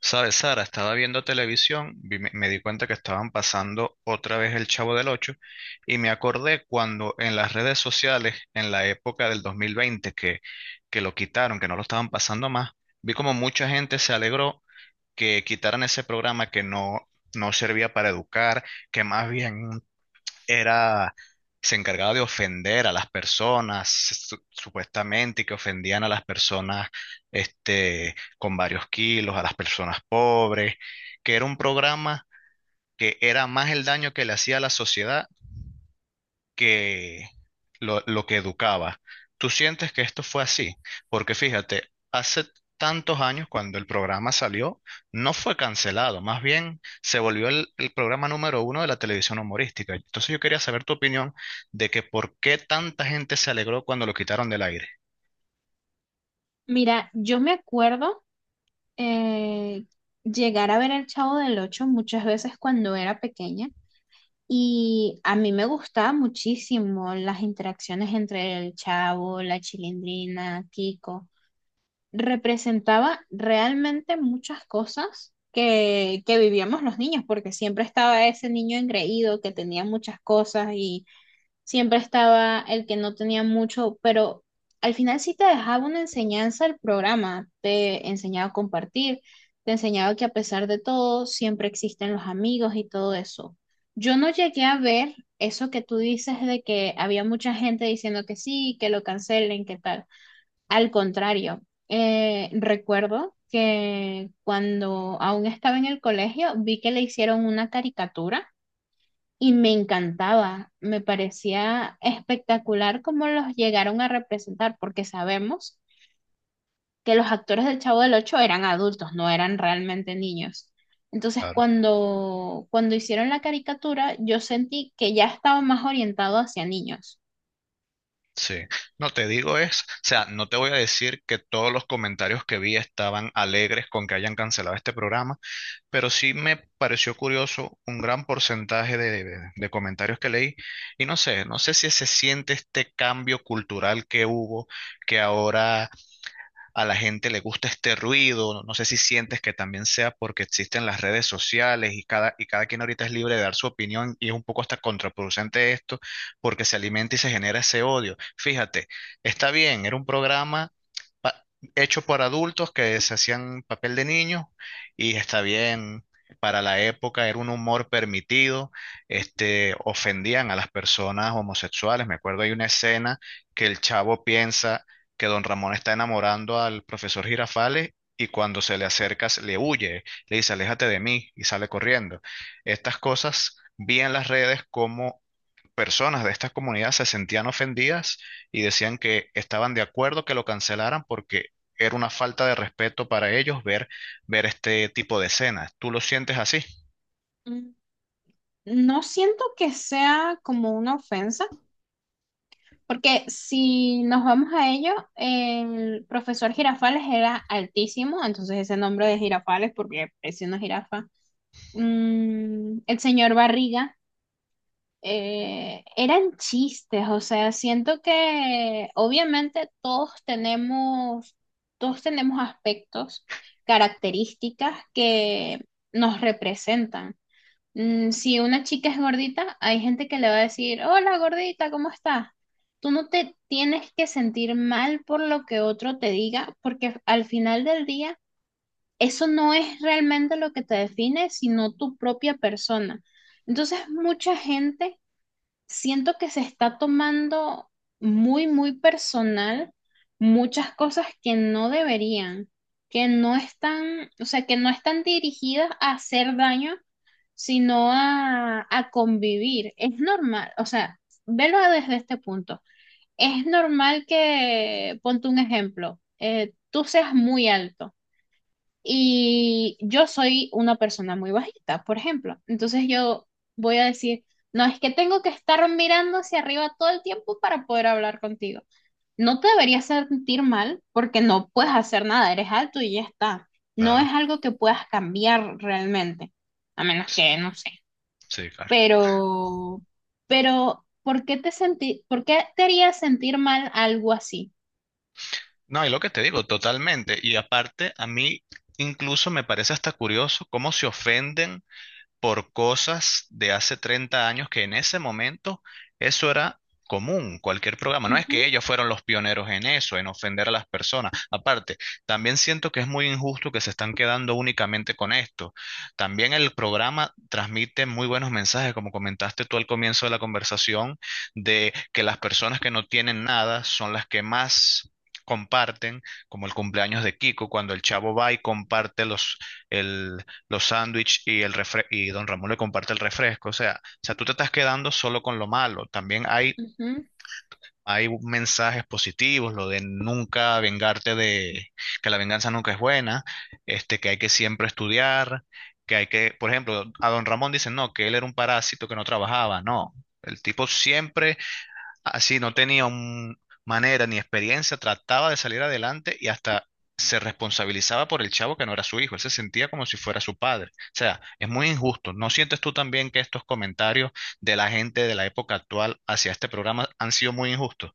Sabes, Sara, estaba viendo televisión, me di cuenta que estaban pasando otra vez el Chavo del Ocho y me acordé cuando en las redes sociales, en la época del 2020, que lo quitaron, que no lo estaban pasando más. Vi como mucha gente se alegró que quitaran ese programa que no servía para educar, que más bien era, se encargaba de ofender a las personas, supuestamente, y que ofendían a las personas, con varios kilos, a las personas pobres. Que era un programa, que era más el daño que le hacía a la sociedad que lo que educaba. ¿Tú sientes que esto fue así? Porque fíjate, hace tantos años cuando el programa salió, no fue cancelado, más bien se volvió el programa número uno de la televisión humorística. Entonces yo quería saber tu opinión de que por qué tanta gente se alegró cuando lo quitaron del aire. Mira, yo me acuerdo eh, llegar a ver El Chavo del Ocho muchas veces cuando era pequeña y a mí me gustaba muchísimo las interacciones entre el Chavo, la Chilindrina, Kiko. Representaba realmente muchas cosas que vivíamos los niños, porque siempre estaba ese niño engreído que tenía muchas cosas, siempre estaba el que no tenía mucho, pero al final sí te dejaba una enseñanza el programa, te enseñaba a compartir, te enseñaba que a pesar de todo, siempre existen los amigos y todo eso. Yo no llegué a ver eso que tú dices de que había mucha gente diciendo que sí, que lo cancelen, que tal. Al contrario, recuerdo que cuando aún estaba en el colegio, vi que le hicieron una caricatura y me encantaba, me parecía espectacular cómo los llegaron a representar, porque sabemos que los actores del Chavo del Ocho eran adultos, no eran realmente niños. Entonces, Claro. cuando hicieron la caricatura, yo sentí que ya estaba más orientado hacia niños. Sí, no te digo, es, o sea, no te voy a decir que todos los comentarios que vi estaban alegres con que hayan cancelado este programa, pero sí me pareció curioso un gran porcentaje de comentarios que leí. Y no sé si se siente este cambio cultural que hubo, que ahora a la gente le gusta este ruido. No, no sé si sientes que también sea porque existen las redes sociales y cada quien ahorita es libre de dar su opinión y es un poco hasta contraproducente esto, porque se alimenta y se genera ese odio. Fíjate, está bien, era un programa pa- hecho por adultos que se hacían papel de niños, y está bien. Para la época era un humor permitido. Ofendían a las personas homosexuales. Me acuerdo, hay una escena que el Chavo piensa que don Ramón está enamorando al profesor Girafales, y cuando se le acerca, le huye, le dice: "Aléjate de mí", y sale corriendo. Estas cosas vi en las redes, como personas de estas comunidades se sentían ofendidas y decían que estaban de acuerdo que lo cancelaran, porque era una falta de respeto para ellos ver este tipo de escenas. ¿Tú lo sientes así? Mm, no siento que sea como una ofensa, porque si nos vamos a ello, el profesor Girafales era altísimo, entonces ese nombre de Girafales, porque es una jirafa. Mm, el señor Barriga, eran chistes, o sea, siento que obviamente todos tenemos aspectos, características que nos representan. Mm, si una chica es gordita, hay gente que le va a decir, hola gordita, ¿cómo estás? Tú no te tienes que sentir mal por lo que otro te diga, porque al final del día eso no es realmente lo que te define, sino tu propia persona. Entonces, mucha gente siento que se está tomando muy, muy personal muchas cosas que no deberían, que no están, o sea, que no están dirigidas a hacer daño, sino a convivir. Es normal, o sea, velo desde este punto. Es normal que, ponte un ejemplo, tú seas muy alto y yo soy una persona muy bajita, por ejemplo. Entonces yo voy a decir, no, es que tengo que estar mirando hacia arriba todo el tiempo para poder hablar contigo. No te deberías sentir mal porque no puedes hacer nada, eres alto y ya está. No es Claro. algo que puedas cambiar realmente, a menos s- que, no sé. sí, claro. Pero, por qué te haría sentir mal algo así? No, y lo que te digo, totalmente. Y aparte, a mí incluso me parece hasta curioso cómo se ofenden por cosas de hace 30 años, que en ese momento eso era común, cualquier programa. No es Ujú, que ellos fueron los pioneros en eso, en ofender a las personas. Aparte, también siento que es muy injusto que se están quedando únicamente con esto. También el programa transmite muy buenos mensajes, como comentaste tú al comienzo de la conversación, de que las personas que no tienen nada son las que más comparten, como el cumpleaños de Kiko, cuando el Chavo va y comparte el, los sándwiches, y y don Ramón le comparte el refresco. O sea, tú te estás quedando solo con lo malo. También hay, ujú. hay mensajes positivos, lo de nunca vengarte, de que la venganza nunca es buena. Que hay que siempre estudiar, que hay que, por ejemplo, a don Ramón dicen: "No, que él era un parásito que no trabajaba." No. El tipo siempre. Así no tenía manera ni experiencia, trataba de salir adelante y hasta se responsabilizaba por el Chavo, que no era su hijo. Él se sentía como si fuera su padre. O sea, es muy injusto. ¿No sientes tú también que estos comentarios de la gente de la época actual hacia este programa han sido muy injustos?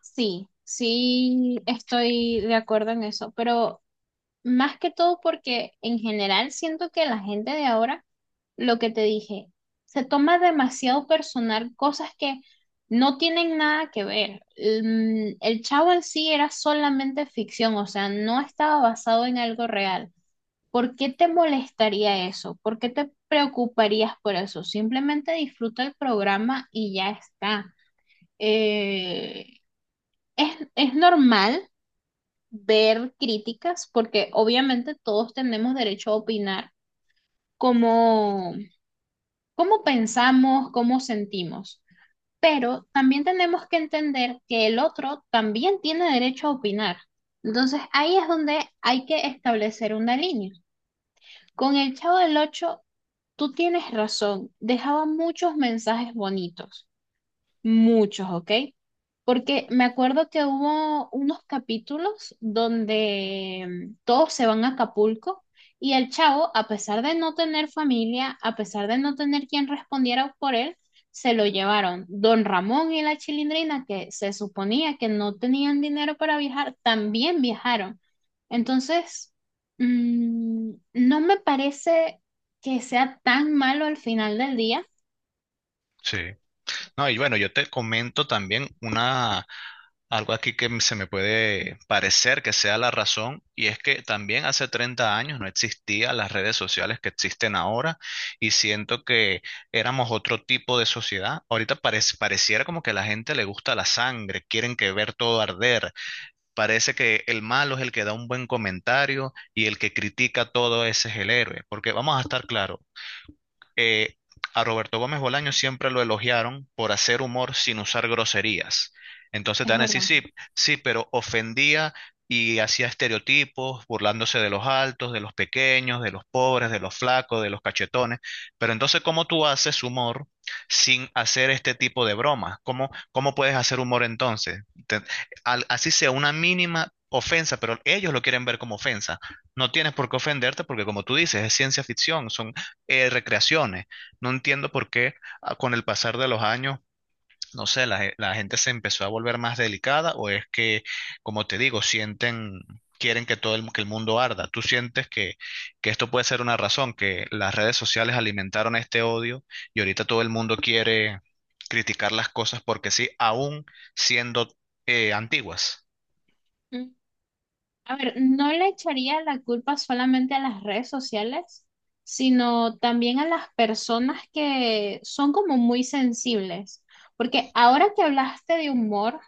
Sí, sí estoy de acuerdo en eso, pero más que todo porque en general siento que la gente de ahora, lo que te dije, se toma demasiado personal cosas que no tienen nada que ver. Mm, el chavo en sí era solamente ficción, o sea, no estaba basado en algo real. ¿Por qué te molestaría eso? ¿Por qué te preocuparías por eso? Simplemente disfruta el programa y ya está. Eh, es normal ver críticas porque obviamente todos tenemos derecho a opinar cómo, cómo pensamos, cómo sentimos, pero también tenemos que entender que el otro también tiene derecho a opinar. Entonces ahí es donde hay que establecer una línea. Con el Chavo del Ocho, tú tienes razón, dejaba muchos mensajes bonitos. Muchos, ¿ok? Porque me acuerdo que hubo unos capítulos donde, mm, todos se van a Acapulco y el chavo, a pesar de no tener familia, a pesar de no tener quien respondiera por él, se lo llevaron. Don Ramón y la Chilindrina, que se suponía que no tenían dinero para viajar, también viajaron. Entonces, mm, no me parece que sea tan malo al final del día, Sí. No, y bueno, yo te comento también una, algo aquí que se me puede parecer que sea la razón, y es que también hace 30 años no existían las redes sociales que existen ahora, y siento que éramos otro tipo de sociedad. Ahorita pareciera como que a la gente le gusta la sangre, quieren que ver todo arder. Parece que el malo es el que da un buen comentario, y el que critica todo, ese es el héroe, porque vamos a estar claros, eh, a Roberto Gómez Bolaño siempre lo elogiaron por hacer humor sin usar groserías. Entonces te es van a decir: verdad. "Sí, sí, pero ofendía y hacía estereotipos, burlándose de los altos, de los pequeños, de los pobres, de los flacos, de los cachetones." Pero entonces, ¿cómo tú haces humor sin hacer este tipo de bromas? ¿Cómo, cómo puedes hacer humor entonces? Te- Así sea una mínima ofensa, pero ellos lo quieren ver como ofensa. No tienes por qué ofenderte, porque, como tú dices, es ciencia ficción, son recreaciones. No entiendo por qué, con el pasar de los años, no sé, la gente se empezó a volver más delicada, o es que, como te digo, sienten, quieren que todo el, que el mundo arda. ¿Tú sientes que esto puede ser una razón, que las redes sociales alimentaron este odio, y ahorita todo el mundo quiere criticar las cosas porque sí, aún siendo antiguas? A ver, no le echaría la culpa solamente a las redes sociales, sino también a las personas que son como muy sensibles. Porque ahora que hablaste de humor,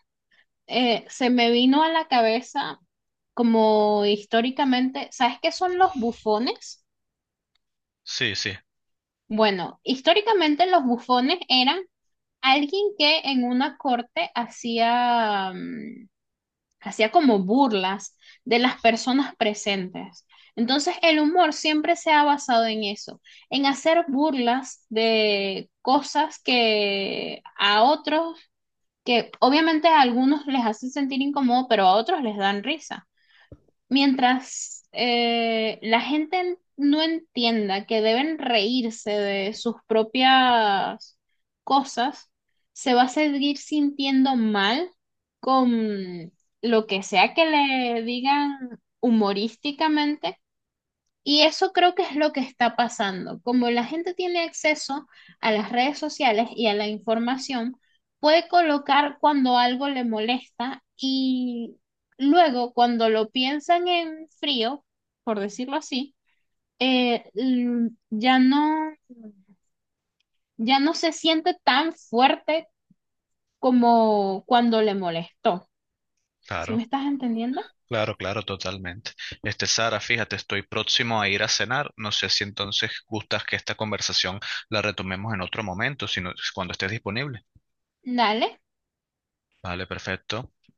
se me vino a la cabeza como históricamente, ¿sabes qué son los bufones? Sí, sí, Bueno, históricamente los bufones eran alguien que en una corte hacía, mm, hacía como burlas de las personas presentes. Entonces el humor siempre se ha basado en eso, en hacer burlas de cosas que a otros, que obviamente a algunos les hacen sentir incómodo, pero a otros les dan risa. Mientras no entienda que deben reírse de sus propias cosas, se va a seguir sintiendo mal con lo que sea que le digan humorísticamente y eso creo que es lo que está pasando. Como la gente tiene acceso a las redes sociales y a la información, puede colocar cuando algo le molesta y luego cuando lo piensan en frío, por decirlo así, eh, l- ya no, ya no se siente tan fuerte como cuando le molestó. ¿Sí me claro. estás entendiendo? Claro, claro, totalmente. Sara, fíjate, estoy próximo a ir a cenar. No sé si entonces gustas que esta conversación la retomemos en otro momento, sino cuando estés disponible. Dale. Vale, perfecto.